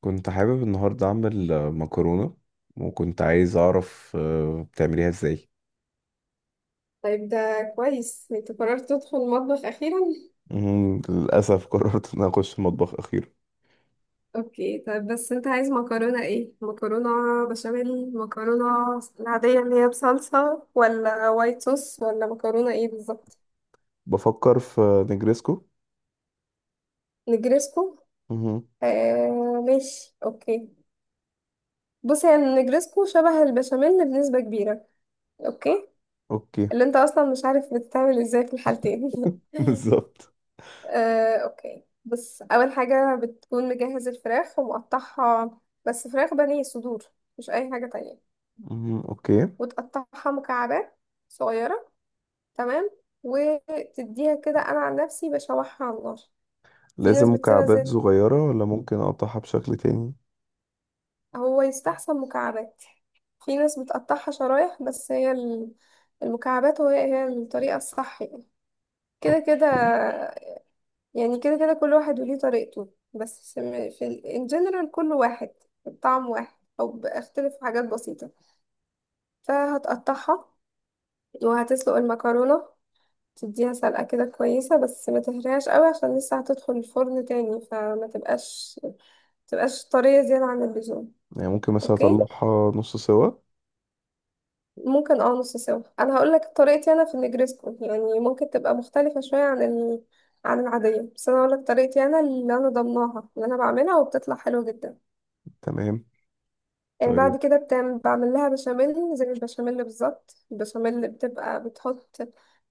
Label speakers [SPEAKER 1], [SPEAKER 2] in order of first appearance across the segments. [SPEAKER 1] كنت حابب النهاردة أعمل مكرونة. وكنت عايز أعرف بتعمليها إزاي؟
[SPEAKER 2] طيب، ده كويس انت قررت تدخل المطبخ اخيرا.
[SPEAKER 1] مهم. للأسف قررت إن أنا أخش المطبخ أخيرا.
[SPEAKER 2] اوكي، طيب بس انت عايز مكرونه ايه؟ مكرونه بشاميل؟ مكرونه العاديه اللي هي بصلصه؟ ولا وايت صوص؟ ولا مكرونه ايه بالظبط؟
[SPEAKER 1] بفكر في نجريسكو.
[SPEAKER 2] نجرسكو.
[SPEAKER 1] مهم.
[SPEAKER 2] ماشي، اوكي. بص، هي النجرسكو شبه البشاميل بنسبه كبيره. اوكي،
[SPEAKER 1] أوكي.
[SPEAKER 2] اللي انت اصلا مش عارف بتتعمل ازاي في الحالتين.
[SPEAKER 1] بالظبط.
[SPEAKER 2] اوكي، بص، اول حاجه بتكون مجهز الفراخ ومقطعها. بس فراخ بانيه صدور، مش اي حاجه تانية.
[SPEAKER 1] مهم. أوكي.
[SPEAKER 2] وتقطعها مكعبات صغيره. تمام. وتديها كده، انا عن نفسي بشوحها على النار. في ناس
[SPEAKER 1] لازم
[SPEAKER 2] بتسيبها
[SPEAKER 1] مكعبات
[SPEAKER 2] زي،
[SPEAKER 1] صغيرة ولا ممكن أقطعها بشكل تاني؟
[SPEAKER 2] هو يستحسن مكعبات. في ناس بتقطعها شرايح، بس المكعبات هي هي الطريقه الصح يعني، كده كده.
[SPEAKER 1] أوكي.
[SPEAKER 2] يعني كده كده كل واحد وليه طريقته، بس في ان جنرال كله واحد. الطعم واحد، او بيختلف في حاجات بسيطة. فهتقطعها، وهتسلق المكرونة. تديها سلقة كده كويسة، بس ما تهريهاش قوي، عشان لسه هتدخل الفرن تاني، فما تبقاش طرية زيادة عن اللزوم.
[SPEAKER 1] يعني ممكن مثلا
[SPEAKER 2] اوكي،
[SPEAKER 1] أطلعها نص سوا؟
[SPEAKER 2] ممكن نص سوا. انا هقول لك طريقتي انا في النجريسكو، يعني ممكن تبقى مختلفة شوية عن العادية. بس انا هقول لك طريقتي انا اللي انا ضمناها، اللي انا بعملها وبتطلع حلوة جدا.
[SPEAKER 1] تمام. طيب.
[SPEAKER 2] بعد كده بعمل لها بشاميل زي البشاميل بالظبط. البشاميل بتبقى بتحط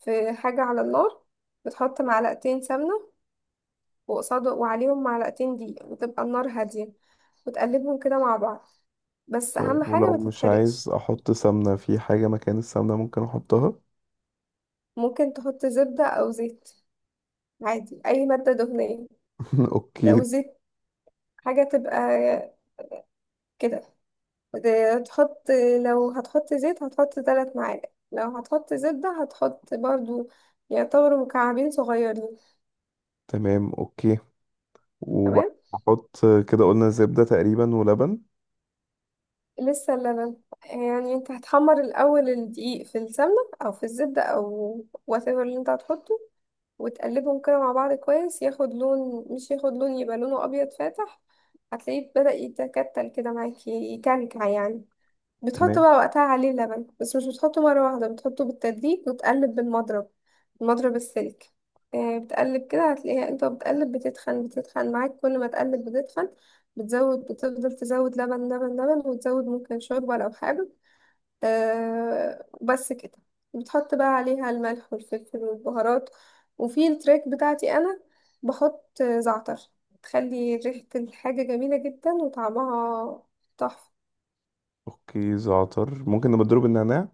[SPEAKER 2] في حاجة على النار. بتحط معلقتين سمنة، وقصاد وعليهم معلقتين دقيق، وتبقى النار هادية. وتقلبهم كده مع بعض. بس أهم
[SPEAKER 1] طيب،
[SPEAKER 2] حاجة
[SPEAKER 1] ولو
[SPEAKER 2] ما
[SPEAKER 1] مش عايز
[SPEAKER 2] تتحرقش.
[SPEAKER 1] أحط سمنة في حاجة مكان السمنة ممكن أحطها؟
[SPEAKER 2] ممكن تحط زبدة أو زيت، عادي أي مادة دهنية. لو
[SPEAKER 1] أوكي.
[SPEAKER 2] زيت، حاجة تبقى كده تحط. لو هتحط زيت هتحط 3 معالق، لو هتحط زبدة هتحط برضو يعتبروا مكعبين صغيرين.
[SPEAKER 1] تمام، اوكي.
[SPEAKER 2] تمام.
[SPEAKER 1] وبحط كده قلنا زبدة تقريبا ولبن.
[SPEAKER 2] لسه اللبن. يعني انت هتحمر الأول الدقيق في السمنة أو في الزبدة أو whatever اللي انت هتحطه. وتقلبهم كده مع بعض كويس، ياخد لون، مش ياخد لون، يبقى لونه أبيض فاتح. هتلاقيه بدأ يتكتل كده معاكي، يكلكع يعني. بتحط
[SPEAKER 1] تمام.
[SPEAKER 2] بقى وقتها عليه اللبن، بس مش بتحطه مرة واحدة، بتحطه بالتدريج وتقلب بالمضرب، المضرب السلك. بتقلب كده، هتلاقيها انت بتقلب بتتخن، بتتخن معاك، كل ما تقلب بتتخن. بتزود، بتفضل تزود لبن لبن لبن، وتزود ممكن شوربة لو حابب. بس كده. بتحط بقى عليها الملح والفلفل والبهارات. وفي التريك بتاعتي انا بحط زعتر، تخلي ريحة الحاجة جميلة جدا وطعمها تحفة.
[SPEAKER 1] اوكي، زعتر ممكن نبقى نضرب النعناع؟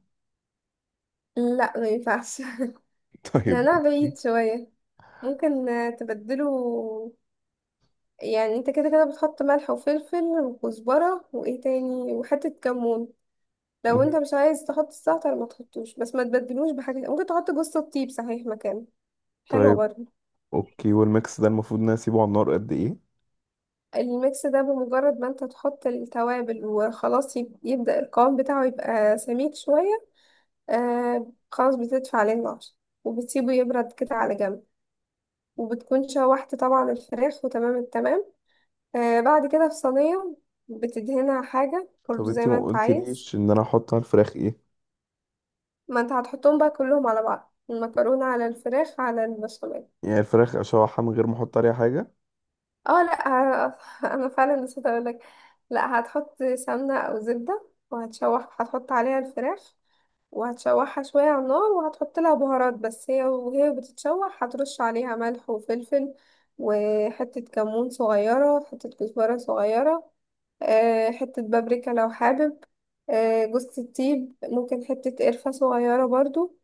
[SPEAKER 2] لا، ما ينفعش.
[SPEAKER 1] طيب،
[SPEAKER 2] نعناع
[SPEAKER 1] اوكي.
[SPEAKER 2] بعيد شوية. ممكن تبدله. يعني انت كده كده بتحط ملح وفلفل وكزبرة، وايه تاني، وحتة كمون. لو انت
[SPEAKER 1] مهم.
[SPEAKER 2] مش عايز تحط الزعتر ما تحطوش، بس ما تبدلوش بحاجة. ممكن تحط جوز الطيب صحيح مكانه. حلوة
[SPEAKER 1] طيب،
[SPEAKER 2] برضه.
[SPEAKER 1] اوكي، والميكس ده المفروض ان انا اسيبه على النار قد ايه؟
[SPEAKER 2] الميكس ده بمجرد ما انت تحط التوابل وخلاص يبدأ القوام بتاعه يبقى سميك شوية. خلاص بتدفع عليه النار، وبتسيبه يبرد كده على جنب. وبتكون شوحت طبعا الفراخ وتمام التمام. بعد كده، في صينية بتدهنها حاجة برضو
[SPEAKER 1] طب
[SPEAKER 2] زي
[SPEAKER 1] انتي
[SPEAKER 2] ما
[SPEAKER 1] ما
[SPEAKER 2] انت عايز.
[SPEAKER 1] قلتليش ان انا احط على الفراخ ايه؟
[SPEAKER 2] ما انت هتحطهم بقى كلهم على بعض، المكرونة على الفراخ على البشاميل.
[SPEAKER 1] يعني الفراخ اشوحها من غير ما احط عليها حاجة؟
[SPEAKER 2] اه، لا. آه، انا فعلا نسيت اقولك. لا، هتحط سمنة او زبدة وهتشوح، هتحط عليها الفراخ. وهتشوحها شوية على النار، وهتحط لها بهارات، بس هي وهي بتتشوح هترش عليها ملح وفلفل. وحتة كمون صغيرة، حتة كزبرة صغيرة. حتة بابريكا لو حابب. جوز الطيب، ممكن حتة قرفة صغيرة برضو.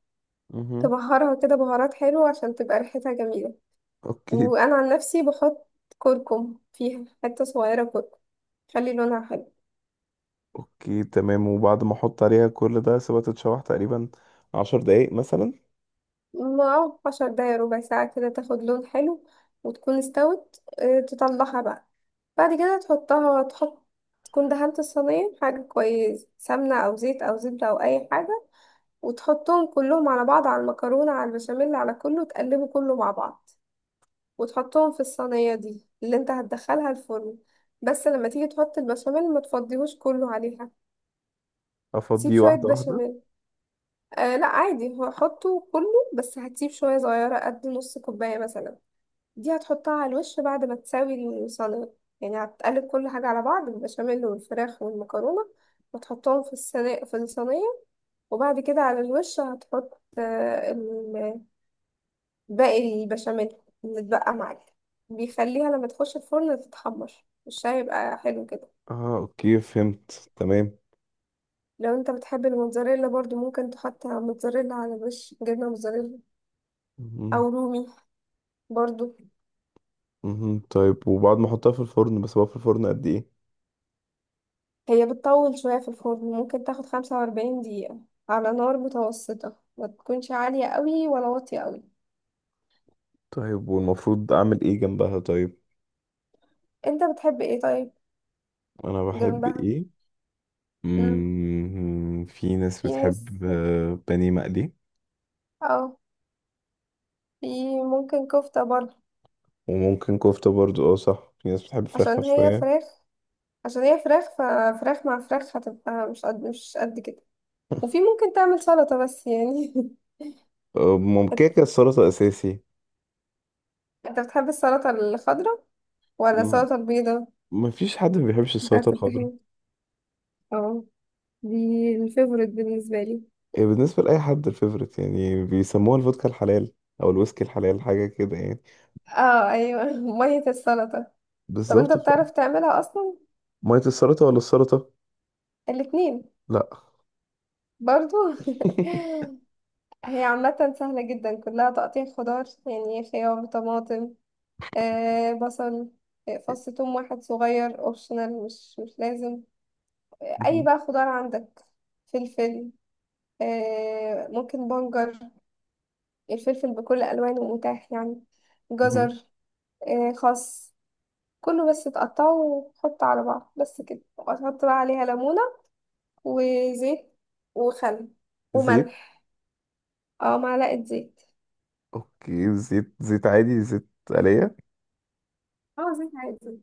[SPEAKER 1] مهم.
[SPEAKER 2] تبهرها كده بهارات حلوة عشان تبقى ريحتها جميلة.
[SPEAKER 1] اوكي.
[SPEAKER 2] وأنا عن نفسي بحط كركم، فيها حتة صغيرة كركم، خلي لونها حلو.
[SPEAKER 1] اوكي، تمام. وبعد ما احط عليها كل ده سيبها تتشوح تقريبا عشر دقايق مثلا.
[SPEAKER 2] ما 10 دقايق ربع ساعة كده تاخد لون حلو وتكون استوت. تطلعها بقى. بعد كده تحطها، تحط تكون دهنت الصينية حاجة كويس، سمنة أو زيت أو زبدة أو أي حاجة. وتحطهم كلهم على بعض، على المكرونة على البشاميل على كله، تقلبه كله مع بعض. وتحطهم في الصينية دي اللي انت هتدخلها الفرن. بس لما تيجي تحط البشاميل ما تفضيهوش كله عليها. سيب
[SPEAKER 1] افضيه
[SPEAKER 2] شوية
[SPEAKER 1] واحدة واحدة؟
[SPEAKER 2] بشاميل. لا عادي، هو حطه كله. بس هتسيب شوية صغيرة قد نص كوباية مثلا. دي هتحطها على الوش بعد ما تساوي الصينية. يعني هتقلب كل حاجة على بعض، البشاميل والفراخ والمكرونة. وتحطهم في الصينية، في الصينية. وبعد كده على الوش هتحط باقي البشاميل اللي اتبقى معاك. بيخليها لما تخش الفرن تتحمر، مش هيبقى حلو كده؟
[SPEAKER 1] اه، اوكي، فهمت تمام.
[SPEAKER 2] لو انت بتحب الموتزاريلا، برضو ممكن تحط موتزاريلا على وش، جبنة موتزاريلا.
[SPEAKER 1] مهم.
[SPEAKER 2] أو رومي برضو.
[SPEAKER 1] مهم. طيب، وبعد ما احطها في الفرن بسيبها في الفرن قد ايه؟
[SPEAKER 2] هي بتطول شوية في الفرن، ممكن تاخد 45 دقيقة على نار متوسطة، ما تكونش عالية قوي ولا واطية قوي.
[SPEAKER 1] طيب، والمفروض اعمل ايه جنبها؟ طيب،
[SPEAKER 2] انت بتحب ايه طيب
[SPEAKER 1] انا بحب
[SPEAKER 2] جنبها؟
[SPEAKER 1] ايه؟
[SPEAKER 2] مم.
[SPEAKER 1] في ناس
[SPEAKER 2] في ناس،
[SPEAKER 1] بتحب بانيه مقلي.
[SPEAKER 2] اه في ممكن كفتة برضو.
[SPEAKER 1] وممكن كفتة برضو. اه صح، في ناس بتحب فراخ
[SPEAKER 2] عشان هي
[SPEAKER 1] مشوية.
[SPEAKER 2] فراخ عشان هي فراخ، ففراخ مع فراخ هتبقى مش قد مش قد كده. وفي ممكن تعمل سلطة بس يعني.
[SPEAKER 1] ممكن كده، السلطة اساسي.
[SPEAKER 2] انت بتحب السلطة الخضراء ولا
[SPEAKER 1] مم.
[SPEAKER 2] السلطة البيضاء
[SPEAKER 1] مفيش حد ما بيحبش السلطة
[SPEAKER 2] بتاعت
[SPEAKER 1] الخضراء.
[SPEAKER 2] الطحينة؟ اه، دي الفيفوريت بالنسبة لي.
[SPEAKER 1] هي بالنسبة لأي حد الفيفوريت، يعني بيسموها الفودكا الحلال أو الويسكي الحلال، حاجة كده يعني.
[SPEAKER 2] اه، ايوه. مية السلطة. طب، انت
[SPEAKER 1] بالظبط.
[SPEAKER 2] بتعرف تعملها اصلا؟
[SPEAKER 1] مية السلطة ولا السلطة؟
[SPEAKER 2] الاتنين،
[SPEAKER 1] لأ.
[SPEAKER 2] برضو. هي عامة سهلة جدا، كلها تقطيع خضار، يعني خيار، طماطم. بصل. فص ثوم واحد صغير، اوبشنال، مش لازم. اي
[SPEAKER 1] مهم.
[SPEAKER 2] بقى خضار عندك. فلفل. ممكن بنجر. الفلفل بكل الوانه متاح يعني. جزر.
[SPEAKER 1] مهم.
[SPEAKER 2] خس. كله بس تقطعه وتحطه على بعض، بس كده. وتحط بقى عليها ليمونة، وزيت، وخل،
[SPEAKER 1] زيت.
[SPEAKER 2] وملح. اه، معلقة زيت.
[SPEAKER 1] اوكي، زيت عادي، زيت آلية.
[SPEAKER 2] اه، زيت عادي،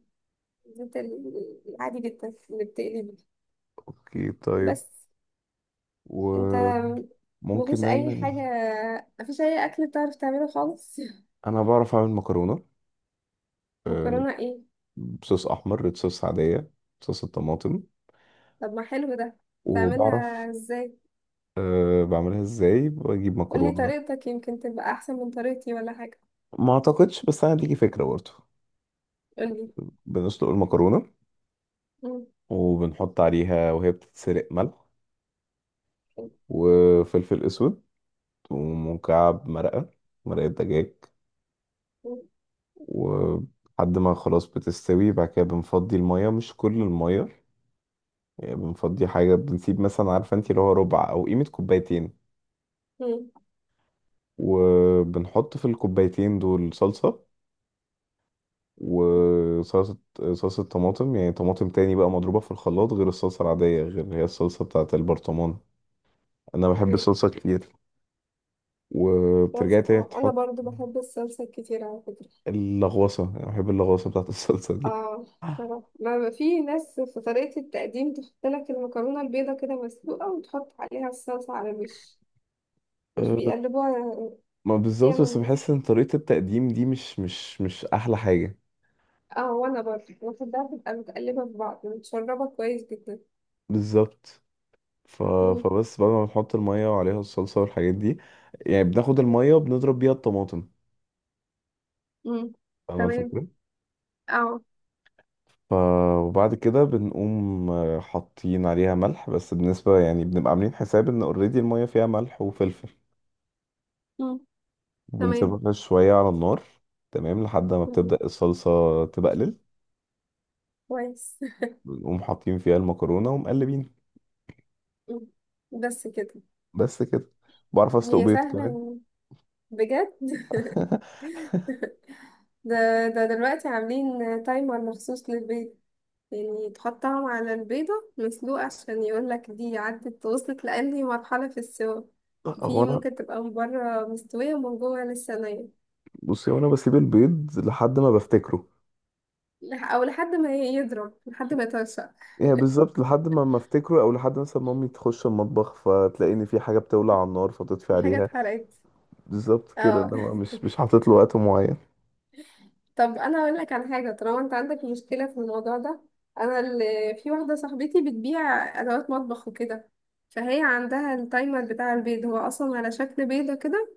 [SPEAKER 2] زيت العادي جدا اللي بتقلي بيه.
[SPEAKER 1] اوكي طيب.
[SPEAKER 2] بس انت
[SPEAKER 1] وممكن
[SPEAKER 2] مفيش اي
[SPEAKER 1] نعمل،
[SPEAKER 2] حاجة، مفيش اي اكل بتعرف تعمله خالص.
[SPEAKER 1] انا بعرف اعمل مكرونة. آه،
[SPEAKER 2] مكرونة ايه؟
[SPEAKER 1] بصوص احمر، ريد صوص عادية. صوص الطماطم.
[SPEAKER 2] طب، ما حلو ده.
[SPEAKER 1] وبعرف.
[SPEAKER 2] بتعملها ازاي؟
[SPEAKER 1] أه، بعملها ازاي، بجيب
[SPEAKER 2] قولي
[SPEAKER 1] مكرونة.
[SPEAKER 2] طريقتك، يمكن تبقى احسن من طريقتي ولا حاجة.
[SPEAKER 1] ما اعتقدش، بس انا ليكي فكرة برضه.
[SPEAKER 2] قولي.
[SPEAKER 1] بنسلق المكرونة.
[SPEAKER 2] مم.
[SPEAKER 1] وبنحط عليها وهي بتتسلق ملح.
[SPEAKER 2] مم.
[SPEAKER 1] وفلفل اسود. ومكعب مرقة. مرقة دجاج. ولحد ما خلاص بتستوي، بعد كده بنفضي المية، مش كل المية. يعني بنفضي حاجة، بنسيب مثلا، عارفة انت، اللي هو ربع أو قيمة كوبايتين.
[SPEAKER 2] مم.
[SPEAKER 1] وبنحط في الكوبايتين دول صلصة. وصلصة صلصة طماطم. يعني طماطم تاني بقى مضروبة في الخلاط، غير الصلصة العادية، غير اللي هي الصلصة بتاعة البرطمان. أنا بحب
[SPEAKER 2] مم.
[SPEAKER 1] الصلصة كتير.
[SPEAKER 2] بس
[SPEAKER 1] وبترجعي تاني
[SPEAKER 2] انا
[SPEAKER 1] تحط
[SPEAKER 2] برضو بحب الصلصة كتير على فكرة.
[SPEAKER 1] اللغوصة. أنا بحب اللغوصة بتاعة الصلصة دي.
[SPEAKER 2] اه، صراحة. ما في ناس في طريقة التقديم تحط لك المكرونة البيضة كده مسلوقة وتحط عليها الصلصة على الوش، مش
[SPEAKER 1] أه،
[SPEAKER 2] بيقلبوها.
[SPEAKER 1] ما
[SPEAKER 2] دي
[SPEAKER 1] بالظبط، بس
[SPEAKER 2] انا.
[SPEAKER 1] بحس ان طريقة التقديم دي مش أحلى حاجة.
[SPEAKER 2] اه وانا برضو بحبها تبقى متقلبة في بعض، متشربة كويس جدا.
[SPEAKER 1] بالظبط. ف...
[SPEAKER 2] مم.
[SPEAKER 1] فبس، بعد ما بنحط المية وعليها الصلصة والحاجات دي، يعني بناخد المية بنضرب بيها الطماطم.
[SPEAKER 2] مم.
[SPEAKER 1] فاهمة
[SPEAKER 2] تمام.
[SPEAKER 1] الفكرة؟
[SPEAKER 2] اه
[SPEAKER 1] ف... وبعد كده بنقوم حاطين عليها ملح، بس بالنسبة يعني بنبقى عاملين حساب ان اوريدي المية فيها ملح وفلفل.
[SPEAKER 2] مم. تمام.
[SPEAKER 1] وبنسيبها شوية على النار. تمام، لحد ما
[SPEAKER 2] مم.
[SPEAKER 1] بتبدأ الصلصة تبقلل.
[SPEAKER 2] كويس.
[SPEAKER 1] بنقوم حاطين فيها المكرونة ومقلبين.
[SPEAKER 2] مم. بس كده.
[SPEAKER 1] بس كده. بعرف اسلق
[SPEAKER 2] هي
[SPEAKER 1] بيض كمان.
[SPEAKER 2] سهلة، بجد. ده دلوقتي عاملين تايمر مخصوص للبيض. يعني تحطهم على البيضة مسلوقة عشان يقولك دي عدت، وصلت لأنهي مرحلة في السوا.
[SPEAKER 1] هو
[SPEAKER 2] في
[SPEAKER 1] انا
[SPEAKER 2] ممكن تبقى من بره مستوية ومن جوه لسه نية.
[SPEAKER 1] بصي، هو انا بسيب البيض لحد ما بفتكره.
[SPEAKER 2] أو لحد ما يضرب، لحد ما يطرشق.
[SPEAKER 1] يعني بالظبط، لحد ما افتكره، او لحد مثلا مامي تخش المطبخ فتلاقيني في حاجه بتولع على النار فتطفي
[SPEAKER 2] في حاجة
[SPEAKER 1] عليها.
[SPEAKER 2] اتحرقت.
[SPEAKER 1] بالظبط كده،
[SPEAKER 2] اه،
[SPEAKER 1] انما مش حاطط له وقت معين.
[SPEAKER 2] طب انا اقول لك على حاجه، طالما انت عندك مشكله في الموضوع ده. انا اللي في واحده صاحبتي بتبيع ادوات مطبخ وكده. فهي عندها التايمر بتاع البيض، هو اصلا على شكل بيضه كده.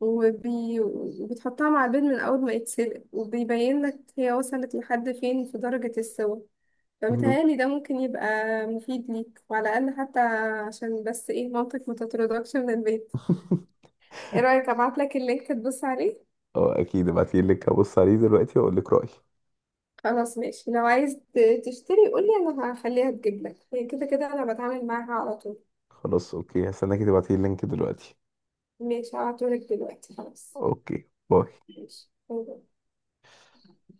[SPEAKER 2] وبتحطها مع البيض من اول ما يتسلق، وبيبين لك هي وصلت لحد فين في درجه السوا.
[SPEAKER 1] مهم.
[SPEAKER 2] فمتهيألي ده ممكن يبقى مفيد ليك، وعلى الاقل حتى عشان بس ايه، مامتك ما تطردكش من البيت. ايه رايك، ابعت لك اللينك تبص عليه؟
[SPEAKER 1] اه، اكيد ابعتي اللينك ابص عليه دلوقتي واقول لك رايي.
[SPEAKER 2] خلاص ماشي. لو عايز تشتري قولي، انا هخليها تجيب لك، هي كده كده انا بتعامل معاها على طول.
[SPEAKER 1] خلاص، اوكي، هستناكي تبعتي اللينك دلوقتي.
[SPEAKER 2] ماشي، هبعتهولك دلوقتي خلاص.
[SPEAKER 1] اوكي، باي.
[SPEAKER 2] ماشي. باي باي.